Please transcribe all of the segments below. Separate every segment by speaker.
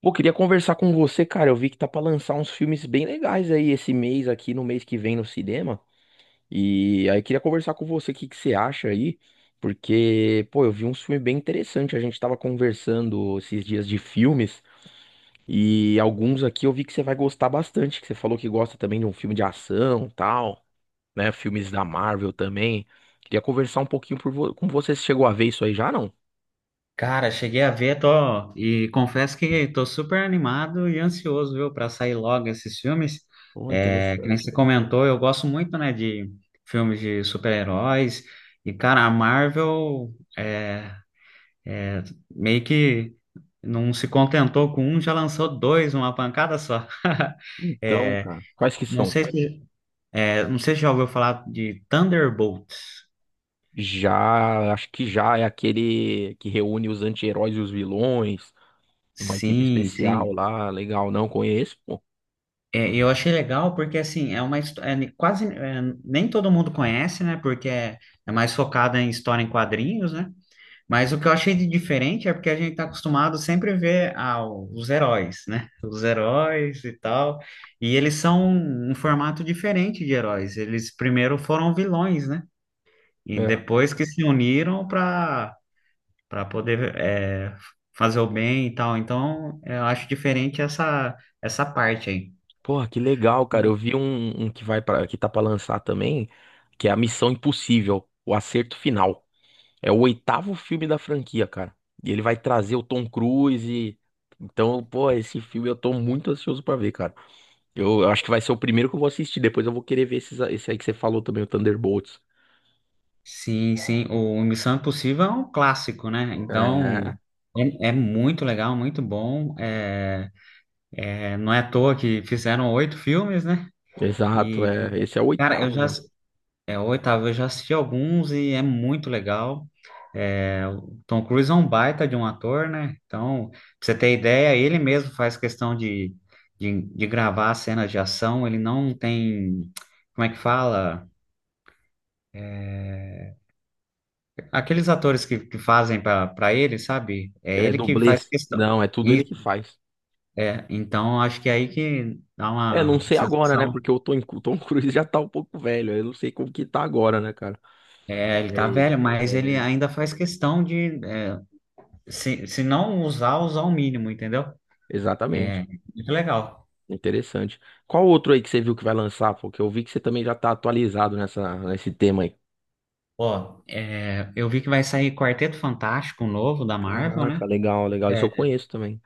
Speaker 1: Pô, queria conversar com você, cara. Eu vi que tá pra lançar uns filmes bem legais aí esse mês aqui, no mês que vem no cinema. E aí queria conversar com você o que que você acha aí, porque, pô, eu vi uns filmes bem interessantes. A gente tava conversando esses dias de filmes e alguns aqui eu vi que você vai gostar bastante, que você falou que gosta também de um filme de ação, tal, né? Filmes da Marvel também. Queria conversar um pouquinho com você. Você chegou a ver isso aí já, não?
Speaker 2: Cara, cheguei a ver, tô, e confesso que tô super animado e ansioso, viu, para sair logo esses filmes.
Speaker 1: Pô,
Speaker 2: É, que nem
Speaker 1: interessante,
Speaker 2: você
Speaker 1: mano.
Speaker 2: comentou, eu gosto muito, né, de filmes de super-heróis. E, cara, a Marvel é, meio que não se contentou com um, já lançou dois, uma pancada só.
Speaker 1: Então,
Speaker 2: É,
Speaker 1: cara, quais que
Speaker 2: não
Speaker 1: são?
Speaker 2: sei se, não sei se já ouviu falar de Thunderbolts.
Speaker 1: Já, acho que já é aquele que reúne os anti-heróis e os vilões, uma equipe
Speaker 2: Sim,
Speaker 1: especial
Speaker 2: sim.
Speaker 1: lá, legal, não conheço, pô.
Speaker 2: É, eu achei legal porque, assim, é uma história, quase, é, nem todo mundo conhece, né? Porque é mais focada em história em quadrinhos, né? Mas o que eu achei de diferente é porque a gente tá acostumado sempre a ver ah, os heróis, né? Os heróis e tal. E eles são um formato diferente de heróis. Eles primeiro foram vilões, né? E
Speaker 1: É.
Speaker 2: depois que se uniram para poder é, fazer o bem e tal. Então, eu acho diferente essa parte aí.
Speaker 1: Porra, que legal, cara. Eu vi um que vai para que tá pra lançar também, que é a Missão Impossível, o Acerto Final. É o oitavo filme da franquia, cara. E ele vai trazer o Tom Cruise. Então, pô, esse filme eu tô muito ansioso pra ver, cara. Eu acho que vai ser o primeiro que eu vou assistir. Depois eu vou querer ver esse aí que você falou também, o Thunderbolts.
Speaker 2: Sim, sim, o Missão Impossível é um clássico, né? Então,
Speaker 1: É.
Speaker 2: é, muito legal, muito bom. É, não é à toa que fizeram oito filmes, né?
Speaker 1: Exato,
Speaker 2: E,
Speaker 1: é, esse é o
Speaker 2: cara, eu
Speaker 1: oitavo
Speaker 2: já,
Speaker 1: já.
Speaker 2: é o oitavo, eu já assisti alguns e é muito legal. É, o Tom Cruise é um baita de um ator, né? Então, pra você ter ideia, ele mesmo faz questão de, de gravar cenas de ação, ele não tem, como é que fala? Aqueles atores que fazem para ele, sabe? É
Speaker 1: É
Speaker 2: ele que faz
Speaker 1: dublês.
Speaker 2: questão.
Speaker 1: Não, é tudo ele
Speaker 2: E,
Speaker 1: que faz.
Speaker 2: é, então, acho que é aí que dá
Speaker 1: É, não
Speaker 2: uma
Speaker 1: sei agora, né?
Speaker 2: sensação.
Speaker 1: Porque o Tom Cruise já tá um pouco velho. Eu não sei como que tá agora, né, cara?
Speaker 2: É, ele tá
Speaker 1: Mas,
Speaker 2: velho, mas ele
Speaker 1: é,
Speaker 2: ainda faz questão de, é, se não usar, usar o mínimo, entendeu? É
Speaker 1: exatamente.
Speaker 2: muito legal.
Speaker 1: Interessante. Qual outro aí que você viu que vai lançar? Porque eu vi que você também já tá atualizado nesse tema aí.
Speaker 2: Ó, é, eu vi que vai sair Quarteto Fantástico novo da Marvel, né?
Speaker 1: Caraca, legal, legal. Isso eu
Speaker 2: É,
Speaker 1: conheço também.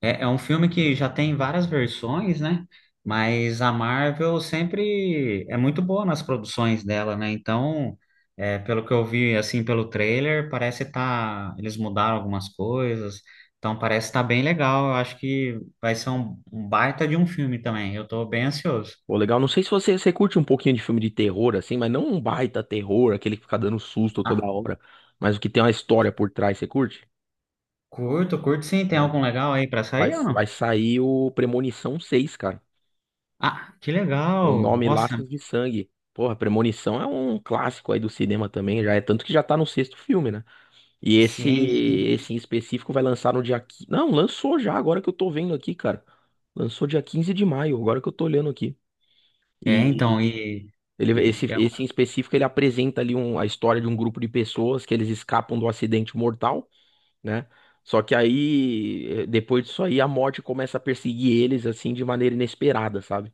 Speaker 2: É, é um filme que já tem várias versões, né? Mas a Marvel sempre é muito boa nas produções dela, né? Então, é, pelo que eu vi, assim, pelo trailer, parece tá. Eles mudaram algumas coisas. Então, parece estar tá bem legal. Eu acho que vai ser um baita de um filme também. Eu tô bem ansioso.
Speaker 1: Pô, legal. Não sei se você curte um pouquinho de filme de terror, assim, mas não um baita terror, aquele que fica dando susto toda
Speaker 2: Ah,
Speaker 1: hora, mas o que tem uma história por trás, você curte?
Speaker 2: curto, curto sim. Tem algum legal aí pra
Speaker 1: Vai,
Speaker 2: sair ou
Speaker 1: vai
Speaker 2: não?
Speaker 1: sair o Premonição 6, cara.
Speaker 2: Ah, que
Speaker 1: O
Speaker 2: legal!
Speaker 1: nome
Speaker 2: Nossa,
Speaker 1: Laços de Sangue. Porra, Premonição é um clássico aí do cinema também, já é tanto que já tá no sexto filme, né? E esse
Speaker 2: sim, sim.
Speaker 1: esse em específico vai lançar no dia 15. Não, lançou já, agora que eu tô vendo aqui, cara. Lançou dia 15 de maio, agora que eu tô olhando aqui.
Speaker 2: É, então,
Speaker 1: E ele
Speaker 2: e
Speaker 1: esse
Speaker 2: é- um,
Speaker 1: esse em específico ele apresenta ali a história de um grupo de pessoas que eles escapam do acidente mortal, né? Só que aí, depois disso aí, a morte começa a perseguir eles, assim, de maneira inesperada, sabe?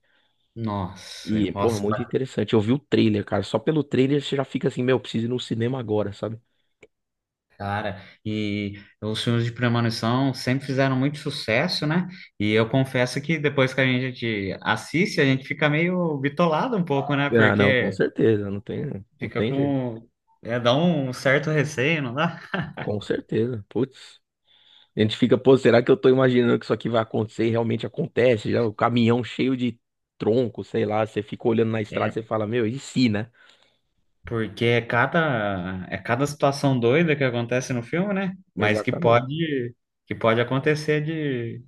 Speaker 2: nossa,
Speaker 1: E, porra, muito
Speaker 2: nossa.
Speaker 1: interessante. Eu vi o trailer, cara. Só pelo trailer você já fica assim, meu, preciso ir no cinema agora, sabe?
Speaker 2: Cara, e os filmes de premonição sempre fizeram muito sucesso, né? E eu confesso que depois que a gente assiste, a gente fica meio bitolado um pouco, né?
Speaker 1: Ah, não, com
Speaker 2: Porque
Speaker 1: certeza. Não tem, não
Speaker 2: fica
Speaker 1: tem jeito.
Speaker 2: com. É, dá um certo receio, não dá?
Speaker 1: Com certeza. Putz. A gente fica, pô, será que eu tô imaginando que isso aqui vai acontecer? E realmente acontece, já o caminhão cheio de tronco, sei lá. Você fica olhando na estrada, e você
Speaker 2: É,
Speaker 1: fala, meu, e se, né?
Speaker 2: porque é cada situação doida que acontece no filme, né? Mas que
Speaker 1: Exatamente.
Speaker 2: pode, que pode acontecer de,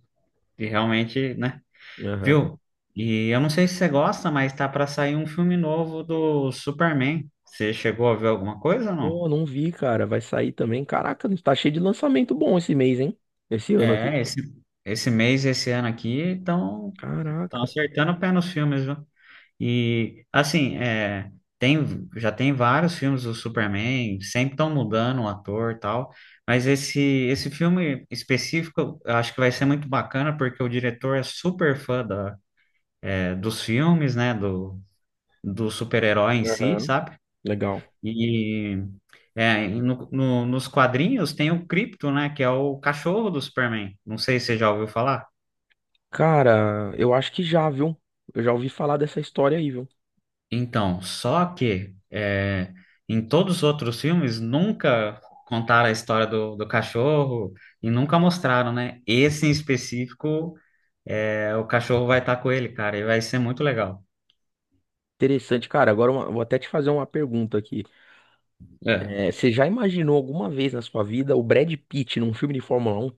Speaker 2: de realmente, né?
Speaker 1: Aham.
Speaker 2: Viu? E eu não sei se você gosta, mas tá para sair um filme novo do Superman. Você chegou a ver alguma coisa ou não?
Speaker 1: Pô, não vi, cara. Vai sair também. Caraca, tá cheio de lançamento bom esse mês, hein? Esse ano aqui.
Speaker 2: É, esse ano aqui, estão
Speaker 1: Caraca.
Speaker 2: acertando o pé nos filmes, viu? E, assim, é, tem, já tem vários filmes do Superman, sempre estão mudando o ator e tal, mas esse filme específico eu acho que vai ser muito bacana, porque o diretor é super fã dos filmes, né, do super-herói em si,
Speaker 1: Aham.
Speaker 2: sabe?
Speaker 1: Legal.
Speaker 2: E e nos quadrinhos tem o Krypto, né? Que é o cachorro do Superman. Não sei se você já ouviu falar.
Speaker 1: Cara, eu acho que já, viu? Eu já ouvi falar dessa história aí, viu?
Speaker 2: Então, só que é, em todos os outros filmes nunca contaram a história do cachorro e nunca mostraram, né? Esse em específico, é, o cachorro vai estar com ele, cara, e vai ser muito legal.
Speaker 1: Interessante, cara. Agora vou até te fazer uma pergunta aqui.
Speaker 2: É.
Speaker 1: Você já imaginou alguma vez na sua vida o Brad Pitt num filme de Fórmula 1?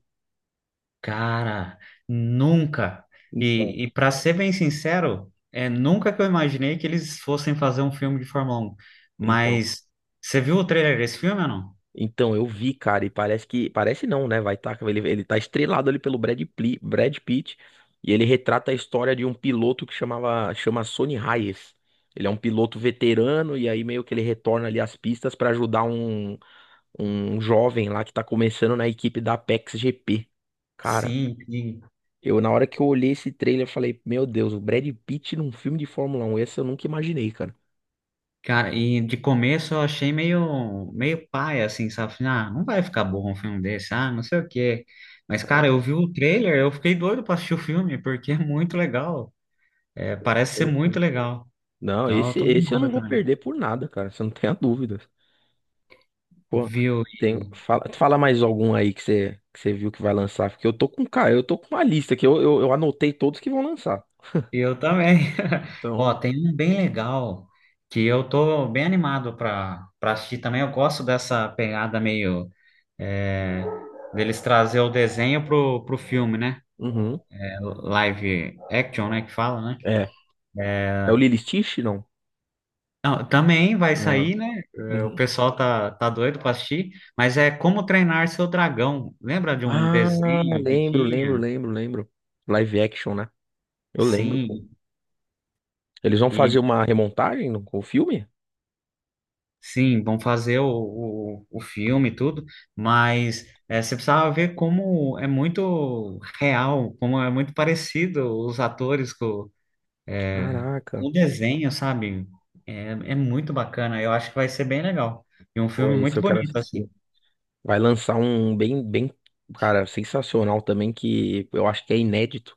Speaker 2: Cara, nunca.
Speaker 1: Então,
Speaker 2: E para ser bem sincero, é nunca que eu imaginei que eles fossem fazer um filme de Fórmula 1.
Speaker 1: Então,
Speaker 2: Mas você viu o trailer desse filme ou não?
Speaker 1: Então, eu vi, cara, e parece que. Parece não, né? Vai tá, ele tá estrelado ali pelo Brad Pitt. E ele retrata a história de um piloto que chama Sonny Hayes. Ele é um piloto veterano, e aí meio que ele retorna ali às pistas pra ajudar um jovem lá que tá começando na equipe da Apex GP. Cara,
Speaker 2: Sim, e,
Speaker 1: eu na hora que eu olhei esse trailer, eu falei, meu Deus, o Brad Pitt num filme de Fórmula 1, esse eu nunca imaginei, cara.
Speaker 2: cara, e de começo eu achei meio paia, assim, sabe? Falei, ah, não vai ficar bom um filme desse, ah, não sei o quê. Mas, cara, eu vi o trailer, eu fiquei doido pra assistir o filme, porque é muito legal. É,
Speaker 1: Poxa,
Speaker 2: parece ser muito
Speaker 1: interessante.
Speaker 2: legal.
Speaker 1: Não,
Speaker 2: Então, eu
Speaker 1: esse,
Speaker 2: tô
Speaker 1: esse eu
Speaker 2: animado
Speaker 1: não vou
Speaker 2: também.
Speaker 1: perder por nada, cara. Você não tem a dúvida. Pô,
Speaker 2: Viu?
Speaker 1: tem, fala mais algum aí que você viu que vai lançar, porque eu tô com, cara, eu tô com uma lista que eu anotei todos que vão lançar.
Speaker 2: Eu também. Ó,
Speaker 1: Então,
Speaker 2: tem um bem legal que eu tô bem animado para assistir também. Eu gosto dessa pegada meio é, deles trazer o desenho pro filme, né?
Speaker 1: uhum,
Speaker 2: É, live action, né? Que fala, né?
Speaker 1: é. É o
Speaker 2: É,
Speaker 1: Lilo e Stitch, não?
Speaker 2: não, também vai
Speaker 1: Ah,
Speaker 2: sair, né? É, o
Speaker 1: uhum.
Speaker 2: pessoal tá doido para assistir, mas é Como Treinar Seu Dragão. Lembra de um
Speaker 1: Ah,
Speaker 2: desenho que
Speaker 1: lembro, lembro,
Speaker 2: tinha?
Speaker 1: lembro, lembro. Live action, né? Eu lembro, pô.
Speaker 2: Sim.
Speaker 1: Eles vão fazer uma remontagem com o filme?
Speaker 2: Sim, vão fazer o filme e tudo, mas você precisava ver como é muito real, como é muito parecido os atores eh,
Speaker 1: Caraca.
Speaker 2: com o desenho, sabe? É, muito bacana, eu acho que vai ser bem legal. E um
Speaker 1: Pô,
Speaker 2: filme
Speaker 1: esse
Speaker 2: muito
Speaker 1: eu quero
Speaker 2: bonito, assim.
Speaker 1: assistir. Vai lançar um bem, bem, cara, sensacional também, que eu acho que é inédito,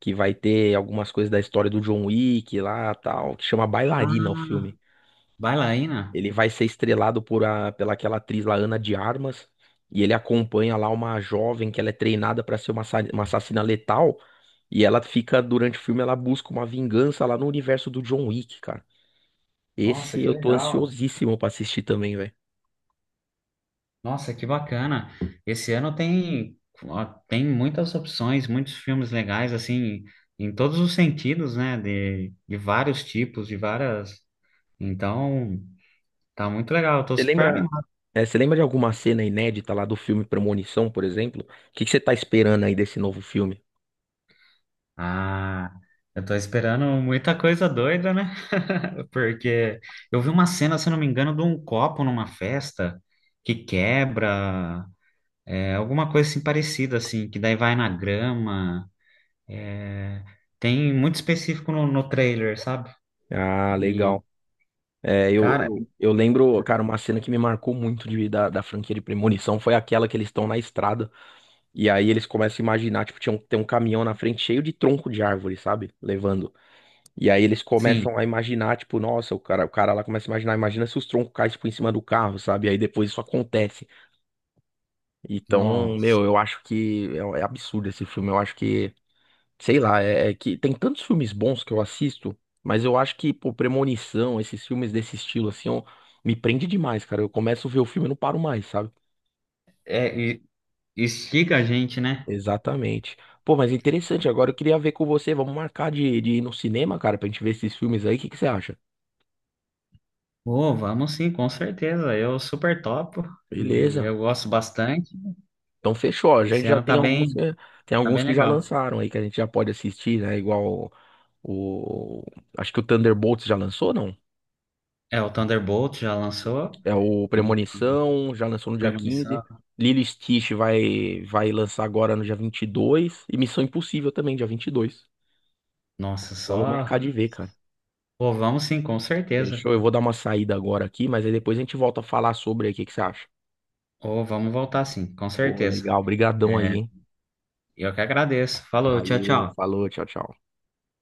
Speaker 1: que vai ter algumas coisas da história do John Wick lá, tal, que chama Bailarina o
Speaker 2: Ah,
Speaker 1: filme.
Speaker 2: bailarina?
Speaker 1: Ele vai ser estrelado pela aquela atriz lá, Ana de Armas, e ele acompanha lá uma jovem que ela é treinada para ser uma assassina letal, e ela fica, durante o filme, ela busca uma vingança lá no universo do John Wick, cara.
Speaker 2: Nossa,
Speaker 1: Esse
Speaker 2: que
Speaker 1: eu tô
Speaker 2: legal.
Speaker 1: ansiosíssimo pra assistir também, velho.
Speaker 2: Nossa, que bacana. Esse ano tem, ó, tem muitas opções, muitos filmes legais, assim, em todos os sentidos, né? De vários tipos, de várias. Então, tá muito legal. Eu tô
Speaker 1: Você
Speaker 2: super
Speaker 1: lembra
Speaker 2: animado.
Speaker 1: Você lembra de alguma cena inédita lá do filme Premonição, por exemplo? O que que você tá esperando aí desse novo filme?
Speaker 2: Ah, eu tô esperando muita coisa doida, né? Porque eu vi uma cena, se eu não me engano, de um copo numa festa que quebra, é, alguma coisa assim parecida, assim, que daí vai na grama. É, tem muito específico no trailer, sabe?
Speaker 1: Ah,
Speaker 2: E,
Speaker 1: legal. É, eu,
Speaker 2: cara,
Speaker 1: eu, eu lembro, cara, uma cena que me marcou muito da franquia de Premonição foi aquela que eles estão na estrada e aí eles começam a imaginar, tipo, tem um caminhão na frente cheio de tronco de árvore, sabe? Levando. E aí eles
Speaker 2: sim,
Speaker 1: começam a imaginar, tipo, nossa, o cara lá começa a imagina se os troncos caem, tipo, em cima do carro, sabe? E aí depois isso acontece. Então,
Speaker 2: nossa.
Speaker 1: meu, eu acho que é absurdo esse filme, eu acho que sei lá, é que tem tantos filmes bons que eu assisto, mas eu acho que, pô, Premonição, esses filmes desse estilo, assim, ó, me prende demais, cara. Eu começo a ver o filme e não paro mais, sabe?
Speaker 2: É, instiga a gente, né?
Speaker 1: Exatamente. Pô, mas interessante, agora eu queria ver com você, vamos marcar de ir no cinema, cara, pra gente ver esses filmes aí, o que que você acha?
Speaker 2: Pô, vamos sim, com certeza. Eu super topo e
Speaker 1: Beleza.
Speaker 2: eu gosto bastante.
Speaker 1: Então fechou, a gente
Speaker 2: Esse
Speaker 1: já
Speaker 2: ano
Speaker 1: tem
Speaker 2: tá
Speaker 1: alguns,
Speaker 2: bem,
Speaker 1: tem
Speaker 2: tá
Speaker 1: alguns
Speaker 2: bem
Speaker 1: que já
Speaker 2: legal.
Speaker 1: lançaram aí, que a gente já pode assistir, né? Igual o, o- acho que o Thunderbolts já lançou, não?
Speaker 2: É, o Thunderbolt já lançou
Speaker 1: É, o
Speaker 2: e
Speaker 1: Premonição já lançou no dia 15,
Speaker 2: Premonição.
Speaker 1: Lilo e Stitch vai, vai lançar agora no dia 22, e Missão Impossível também, dia 22.
Speaker 2: Nossa,
Speaker 1: Vamos marcar
Speaker 2: só.
Speaker 1: de ver, cara.
Speaker 2: Pô, vamos sim, com certeza.
Speaker 1: Fechou? Eu vou dar uma saída agora aqui, mas aí depois a gente volta a falar sobre aí. O que que você acha?
Speaker 2: Ou vamos voltar sim, com
Speaker 1: Pô,
Speaker 2: certeza.
Speaker 1: legal. Obrigadão aí,
Speaker 2: É,
Speaker 1: hein?
Speaker 2: eu que agradeço. Falou, tchau,
Speaker 1: Valeu,
Speaker 2: tchau.
Speaker 1: falou, tchau, tchau.